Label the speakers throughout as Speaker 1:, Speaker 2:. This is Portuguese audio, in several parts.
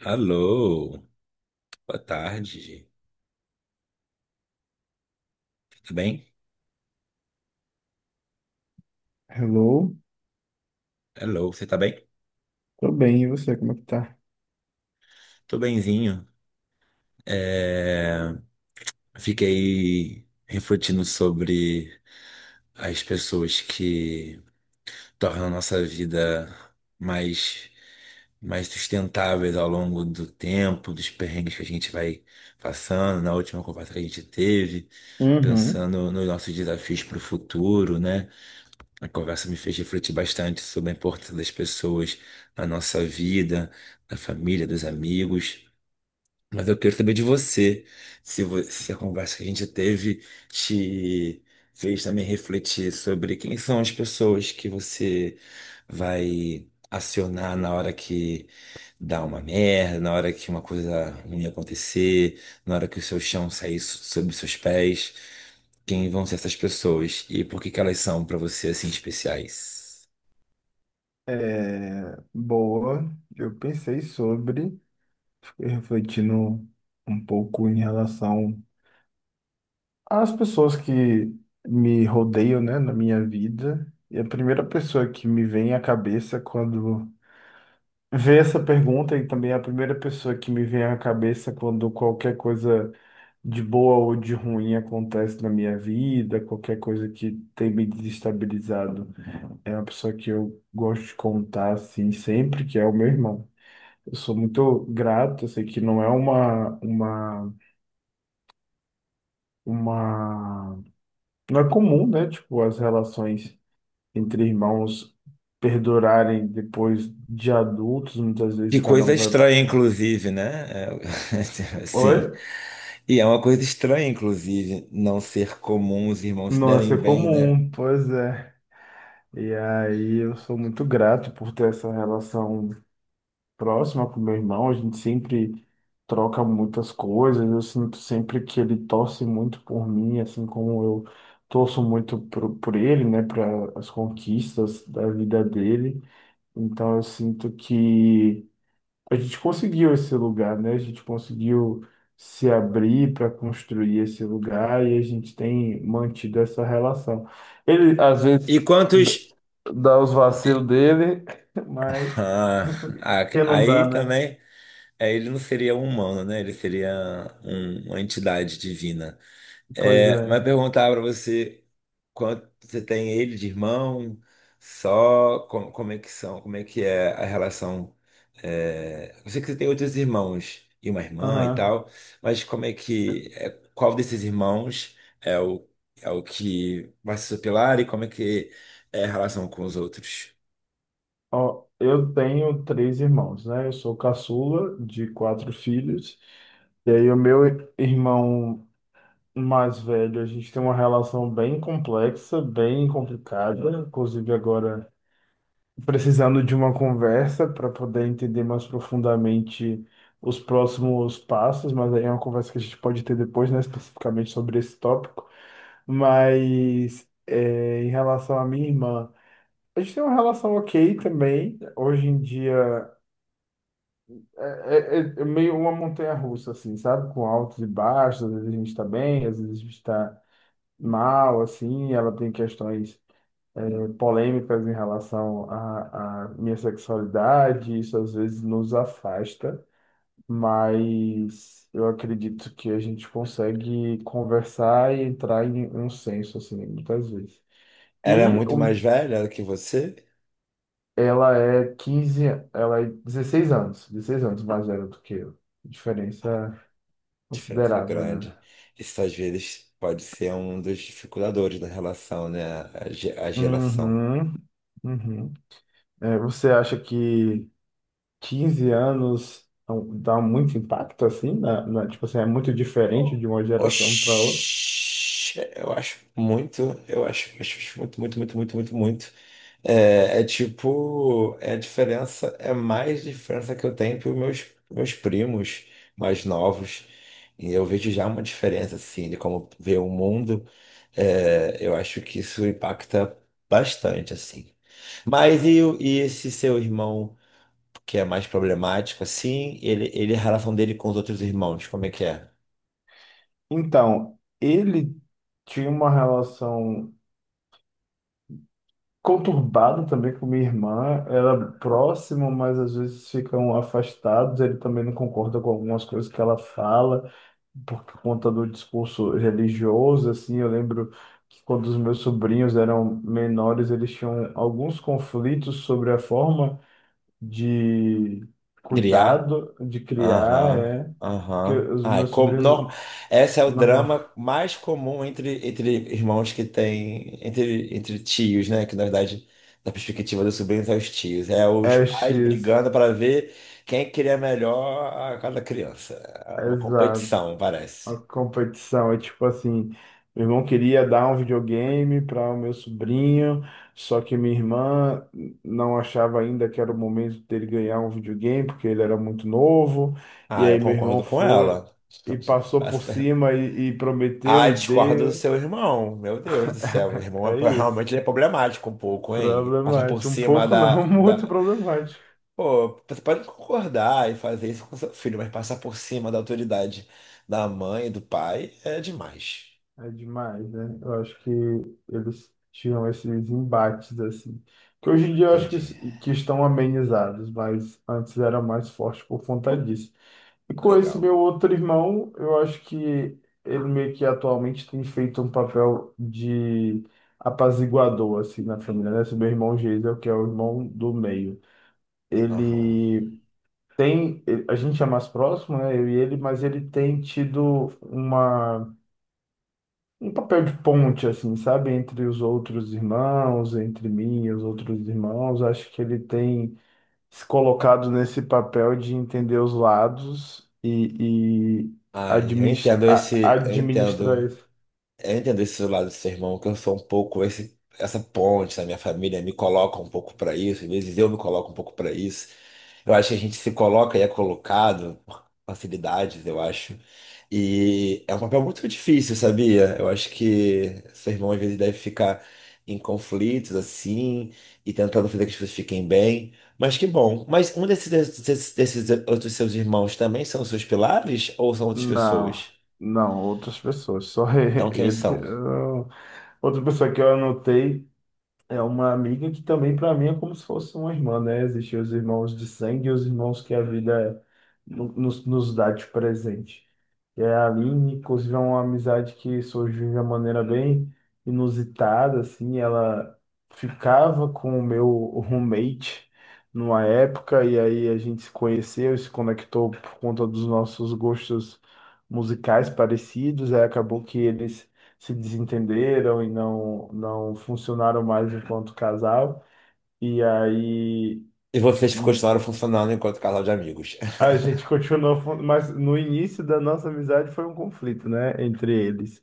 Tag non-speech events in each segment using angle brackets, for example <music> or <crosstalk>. Speaker 1: Alô, boa tarde. Tudo bem?
Speaker 2: Hello,
Speaker 1: Alô, você tá bem?
Speaker 2: tô bem, e você, como é que tá?
Speaker 1: Tô benzinho. É, Fiquei refletindo sobre as pessoas que tornam a nossa vida mais, mais sustentáveis ao longo do tempo, dos perrengues que a gente vai passando, na última conversa que a gente teve,
Speaker 2: Uhum.
Speaker 1: pensando nos nossos desafios para o futuro, né? A conversa me fez refletir bastante sobre a importância das pessoas na nossa vida, da família, dos amigos. Mas eu quero saber de você, se a conversa que a gente teve te fez também refletir sobre quem são as pessoas que você vai acionar na hora que dá uma merda, na hora que uma coisa ruim acontecer, na hora que o seu chão sair sob seus pés. Quem vão ser essas pessoas e por que que elas são para você assim especiais?
Speaker 2: É, boa, eu pensei sobre, fiquei refletindo um pouco em relação às pessoas que me rodeiam, né, na minha vida. E a primeira pessoa que me vem à cabeça quando vê essa pergunta, e também a primeira pessoa que me vem à cabeça quando qualquer coisa de boa ou de ruim acontece na minha vida, qualquer coisa que tem me desestabilizado. É uma pessoa que eu gosto de contar, assim, sempre, que é o meu irmão. Eu sou muito grato, eu sei que não é uma, uma... Não é comum, né? Tipo, as relações entre irmãos perdurarem depois de adultos, muitas
Speaker 1: Que
Speaker 2: vezes cada
Speaker 1: coisa
Speaker 2: um vai.
Speaker 1: estranha, inclusive, né? É, <laughs> assim.
Speaker 2: Oi?
Speaker 1: E é uma coisa estranha, inclusive, não ser comum os irmãos se
Speaker 2: Nossa,
Speaker 1: derem
Speaker 2: é
Speaker 1: bem, né?
Speaker 2: comum, pois é. E aí eu sou muito grato por ter essa relação próxima com meu irmão, a gente sempre troca muitas coisas, eu sinto sempre que ele torce muito por mim, assim como eu torço muito por ele, né, para as conquistas da vida dele. Então eu sinto que a gente conseguiu esse lugar, né? A gente conseguiu se abrir para construir esse lugar e a gente tem mantido essa relação. Ele às
Speaker 1: E
Speaker 2: vezes
Speaker 1: quantos.
Speaker 2: dá os vacilos dele, <laughs> mas
Speaker 1: Ah, a-
Speaker 2: que não dá,
Speaker 1: aí
Speaker 2: né?
Speaker 1: também, é, ele não seria um humano, né? Ele seria uma entidade divina.
Speaker 2: Pois
Speaker 1: É, mas
Speaker 2: é.
Speaker 1: perguntar para você quanto você tem ele de irmão, só como, como é que são, como é que é a relação. É, eu sei que você tem outros irmãos e uma irmã e
Speaker 2: Aham.
Speaker 1: tal, mas como é que é, qual desses irmãos é o é o que vai se superar e como é que é a relação com os outros?
Speaker 2: Ó, eu tenho três irmãos, né? Eu sou caçula de quatro filhos. E aí, o meu irmão mais velho, a gente tem uma relação bem complexa, bem complicada. Inclusive, agora precisando de uma conversa para poder entender mais profundamente os próximos passos, mas aí é uma conversa que a gente pode ter depois, né? Especificamente sobre esse tópico. Mas é, em relação à minha irmã. A gente tem uma relação ok também. Hoje em dia é, é meio uma montanha-russa, assim, sabe? Com altos e baixos. Às vezes a gente tá bem, às vezes a gente tá mal, assim. Ela tem questões polêmicas em relação à minha sexualidade. Isso às vezes nos afasta, mas eu acredito que a gente consegue conversar e entrar em um senso, assim, muitas vezes.
Speaker 1: Ela é
Speaker 2: E
Speaker 1: muito
Speaker 2: o
Speaker 1: mais velha do que você?
Speaker 2: Ela é 15 ela é 16 anos mais velha do que eu. Diferença
Speaker 1: Diferença
Speaker 2: considerável,
Speaker 1: grande.
Speaker 2: né?
Speaker 1: Isso às vezes pode ser um dos dificultadores da relação, né? A, a geração.
Speaker 2: Uhum, uhum. É, você acha que 15 anos dá muito impacto assim, tipo assim, é muito diferente de uma geração para outra?
Speaker 1: Oxi, eu acho muito, eu acho, acho muito, muito, muito, muito, muito, muito. É, é tipo, é a diferença, é mais diferença que eu tenho para meus primos mais novos. E eu vejo já uma diferença, assim, de como vê o mundo. É, eu acho que isso impacta bastante, assim. Mas e esse seu irmão, que é mais problemático, assim, ele, a relação dele com os outros irmãos, como é que é?
Speaker 2: Então, ele tinha uma relação conturbada também com minha irmã, era próximo, mas às vezes ficam afastados, ele também não concorda com algumas coisas que ela fala. Por conta do discurso religioso, assim, eu lembro que quando os meus sobrinhos eram menores, eles tinham alguns conflitos sobre a forma de
Speaker 1: Criar?
Speaker 2: cuidado, de criar,
Speaker 1: Aham,
Speaker 2: é, que
Speaker 1: aham.
Speaker 2: os
Speaker 1: Ai,
Speaker 2: meus
Speaker 1: com,
Speaker 2: sobrinhos,
Speaker 1: norma, essa é o
Speaker 2: normal,
Speaker 1: drama mais comum entre irmãos que tem, entre tios, né? Que na verdade, da perspectiva dos sobrinhos, é os tios. É
Speaker 2: <laughs>
Speaker 1: os pais
Speaker 2: estes,
Speaker 1: brigando para ver quem cria melhor a cada criança. É uma competição, parece.
Speaker 2: a competição é tipo assim, meu irmão queria dar um videogame para o meu sobrinho, só que minha irmã não achava ainda que era o momento dele ganhar um videogame, porque ele era muito novo. E
Speaker 1: Ah, eu
Speaker 2: aí meu irmão
Speaker 1: concordo com
Speaker 2: foi
Speaker 1: ela.
Speaker 2: e passou por cima
Speaker 1: <laughs>
Speaker 2: e
Speaker 1: Ah,
Speaker 2: prometeu e
Speaker 1: discordo do
Speaker 2: deu.
Speaker 1: seu irmão. Meu Deus do céu, meu
Speaker 2: <laughs>
Speaker 1: irmão
Speaker 2: É
Speaker 1: é,
Speaker 2: isso.
Speaker 1: realmente ele é problemático um pouco, hein? Passar por
Speaker 2: Problemático, um
Speaker 1: cima
Speaker 2: pouco não, <laughs> muito problemático.
Speaker 1: pô, você pode concordar e fazer isso com seu filho, mas passar por cima da autoridade da mãe e do pai é demais.
Speaker 2: É demais, né? Eu acho que eles tinham esses embates, assim. Que hoje em dia eu acho que,
Speaker 1: Entendi.
Speaker 2: s- que estão amenizados, mas antes era mais forte por conta disso. E com esse
Speaker 1: Legal.
Speaker 2: meu outro irmão, eu acho que ele meio que atualmente tem feito um papel de apaziguador, assim, na família, né? Esse meu irmão Geisel, que é o irmão do meio.
Speaker 1: Aham.
Speaker 2: Ele A gente é mais próximo, né? Eu e ele, mas ele tem tido uma um papel de ponte, assim, sabe? Entre os outros irmãos, entre mim e os outros irmãos. Acho que ele tem se colocado nesse papel de entender os lados e, e
Speaker 1: Ai,
Speaker 2: administra, a- administrar isso.
Speaker 1: eu entendo esse lado do seu irmão, que eu sou um pouco esse, essa ponte na minha família, me coloca um pouco pra isso, às vezes eu me coloco um pouco pra isso. Eu acho que a gente se coloca e é colocado por facilidades, eu acho. E é um papel muito difícil, sabia? Eu acho que seu irmão às vezes deve ficar em conflitos assim e tentando fazer que as pessoas fiquem bem. Mas que bom. Mas um desses outros seus irmãos também são seus pilares ou são outras
Speaker 2: Não,
Speaker 1: pessoas?
Speaker 2: não, outras pessoas. Só
Speaker 1: Então
Speaker 2: <laughs>
Speaker 1: quem
Speaker 2: ele.
Speaker 1: são?
Speaker 2: Outra pessoa que eu anotei é uma amiga que também, para mim, é como se fosse uma irmã, né? Existem os irmãos de sangue e os irmãos que a vida nos dá de presente. É, a Aline, inclusive, é uma amizade que surgiu de uma maneira bem inusitada, assim, ela ficava com o meu roommate numa época, e aí a gente se conheceu, se conectou por conta dos nossos gostos musicais parecidos, aí acabou que eles se desentenderam e não funcionaram mais enquanto casal, e aí
Speaker 1: E vocês
Speaker 2: hum,
Speaker 1: continuaram funcionando enquanto casal de amigos. <laughs>
Speaker 2: a gente <laughs> continuou, mas no início da nossa amizade foi um conflito, né, entre eles.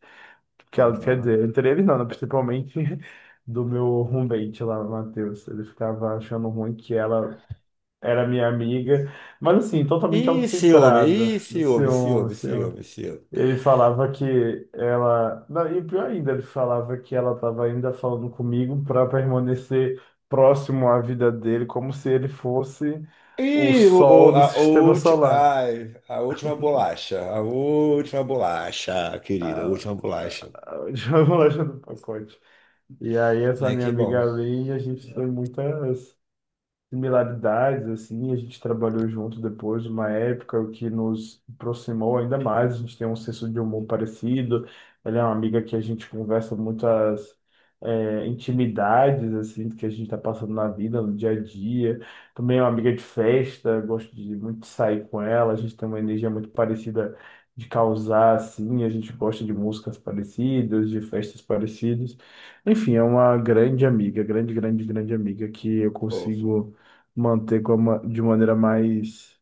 Speaker 2: Quer
Speaker 1: Aham.
Speaker 2: dizer, entre eles não, né? Principalmente <laughs> do meu roommate lá, o Matheus. Ele ficava achando ruim que ela era minha amiga, mas assim, totalmente
Speaker 1: Ih, ciúme, ih,
Speaker 2: autocentrada.
Speaker 1: ciúme,
Speaker 2: Ciúme,
Speaker 1: ciúme,
Speaker 2: ciúme.
Speaker 1: ciúme, ciúme.
Speaker 2: Ele falava que ela. Não, e pior ainda, ele falava que ela estava ainda falando comigo para permanecer próximo à vida dele, como se ele fosse o
Speaker 1: Ih,
Speaker 2: sol
Speaker 1: o-
Speaker 2: do
Speaker 1: a, o
Speaker 2: sistema
Speaker 1: ulti-
Speaker 2: solar.
Speaker 1: ai, A última bolacha, a última bolacha, querida, a
Speaker 2: Ah,
Speaker 1: última
Speaker 2: ah,
Speaker 1: bolacha.
Speaker 2: ah, <laughs> já vou lá já do pacote. E aí, essa
Speaker 1: Ai,
Speaker 2: minha
Speaker 1: que
Speaker 2: amiga
Speaker 1: bom,
Speaker 2: Aline, a gente tem muitas similaridades, assim, a gente trabalhou junto depois, uma época o que nos aproximou ainda mais, a gente tem um senso de humor parecido, ela é uma amiga que a gente conversa muitas intimidades, assim, que a gente está passando na vida, no dia a dia, também é uma amiga de festa, gosto de muito sair com ela, a gente tem uma energia muito parecida de causar, assim, a gente gosta de músicas parecidas, de festas parecidas, enfim, é uma grande amiga, grande, grande, grande amiga que eu
Speaker 1: fofa.
Speaker 2: consigo manter de maneira mais,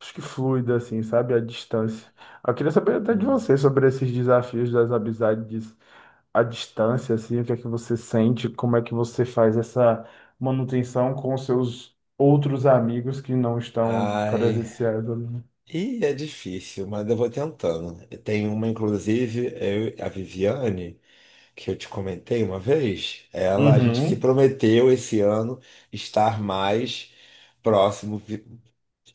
Speaker 2: acho que fluida, assim, sabe? A distância. Eu queria saber até de
Speaker 1: Uhum.
Speaker 2: você sobre esses desafios das amizades à distância, assim, o que é que você sente, como é que você faz essa manutenção com os seus outros amigos que não estão
Speaker 1: Ai,
Speaker 2: presenciais ali.
Speaker 1: ih, é difícil, mas eu vou tentando. Tem uma, inclusive, a Viviane, que eu te comentei uma vez, ela, a gente se
Speaker 2: Uhum,
Speaker 1: prometeu esse ano estar mais próximo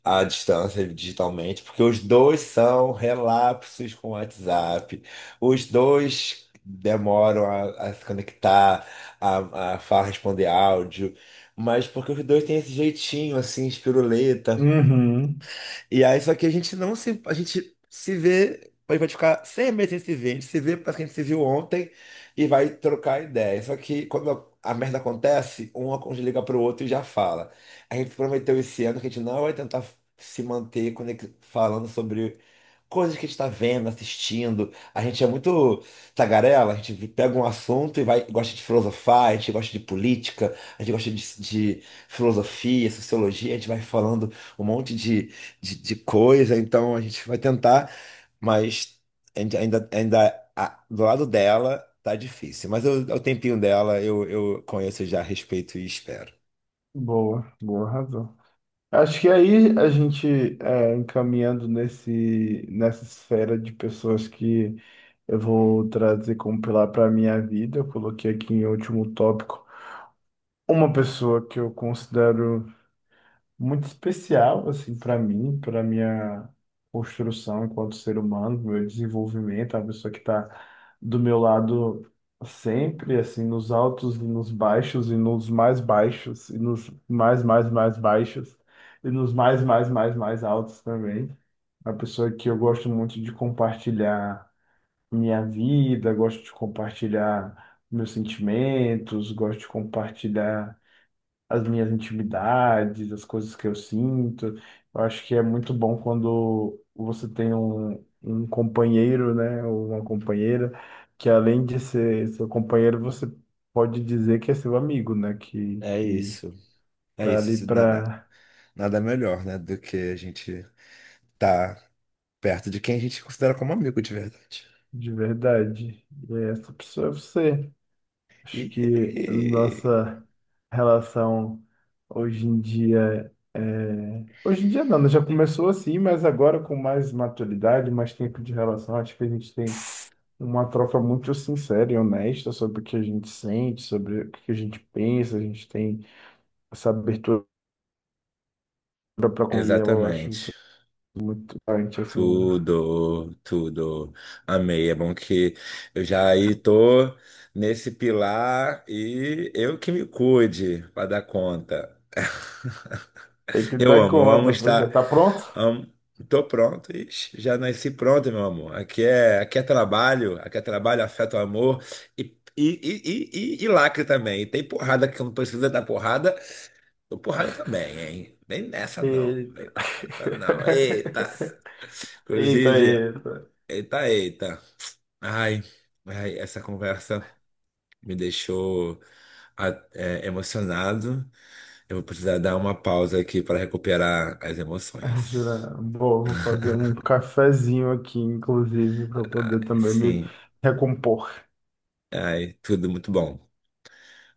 Speaker 1: à distância digitalmente, porque os dois são relapsos com o WhatsApp, os dois demoram a se conectar, responder áudio, mas porque os dois têm esse jeitinho assim, espiruleta.
Speaker 2: uhum.
Speaker 1: E aí, só que a gente não se. A gente se vê. A gente vai ficar 100 meses sem se ver. A gente se vê, parece que a gente se viu ontem e vai trocar ideia. Só que quando a merda acontece, um liga pro outro e já fala. A gente prometeu esse ano que a gente não vai tentar se falando sobre coisas que a gente tá vendo, assistindo. A gente é muito tagarela, a gente pega um assunto e vai, gosta de filosofar, a gente gosta de política, a gente gosta de filosofia, sociologia, a gente vai falando um monte de coisa, então a gente vai tentar, mas a gente do lado dela tá difícil. Mas é o tempinho dela eu conheço já, respeito e espero.
Speaker 2: Boa, boa razão. Acho que aí a gente encaminhando nessa esfera de pessoas que eu vou trazer como pilar para a minha vida, eu coloquei aqui em último tópico uma pessoa que eu considero muito especial assim para mim, para minha construção enquanto ser humano, meu desenvolvimento, a pessoa que está do meu lado sempre, assim, nos altos e nos baixos e nos mais baixos e nos mais mais mais baixos e nos mais mais mais mais altos também. A pessoa que eu gosto muito de compartilhar minha vida, gosto de compartilhar meus sentimentos, gosto de compartilhar as minhas intimidades, as coisas que eu sinto. Eu acho que é muito bom quando você tem um companheiro, né, ou uma companheira, que além de ser seu companheiro, você pode dizer que é seu amigo, né, que,
Speaker 1: É
Speaker 2: que
Speaker 1: isso, é
Speaker 2: tá ali
Speaker 1: isso.
Speaker 2: pra
Speaker 1: Nada melhor, né, do que a gente tá perto de quem a gente considera como amigo de verdade.
Speaker 2: de verdade. E é essa pessoa é você. Acho que a
Speaker 1: E...
Speaker 2: nossa relação hoje em dia Hoje em dia não, né? Já começou assim, mas agora com mais maturidade, mais tempo de relação, acho que a gente tem uma troca muito sincera e honesta sobre o que a gente sente, sobre o que a gente pensa, a gente tem essa abertura para com e eu acho
Speaker 1: Exatamente.
Speaker 2: isso muito importante, assim, né?
Speaker 1: Tudo, tudo. Amei. É bom que eu já aí tô nesse pilar e eu que me cuide para dar conta.
Speaker 2: Tem que dar
Speaker 1: Eu amo
Speaker 2: conta, pois é.
Speaker 1: estar.
Speaker 2: Tá pronto?
Speaker 1: Amo, tô pronto, ixi, já nasci pronto, meu amor. Aqui é trabalho, afeto, amor e, e lacre também. E tem porrada que não precisa dar porrada, tô porrada também, hein? Vem nessa não,
Speaker 2: E-
Speaker 1: vem com essa não. Eita!
Speaker 2: <laughs> Eita,
Speaker 1: Inclusive,
Speaker 2: eita.
Speaker 1: eita, eita. Ai, ai, essa conversa me deixou a- é, emocionado. Eu vou precisar dar uma pausa aqui para recuperar as
Speaker 2: Ah,
Speaker 1: emoções.
Speaker 2: Jura? Vou fazer um cafezinho aqui, inclusive, para
Speaker 1: Ai,
Speaker 2: poder também me
Speaker 1: sim,
Speaker 2: recompor.
Speaker 1: ai, tudo muito bom.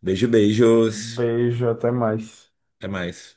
Speaker 1: Beijo, beijos.
Speaker 2: Beijo, até mais.
Speaker 1: Até mais.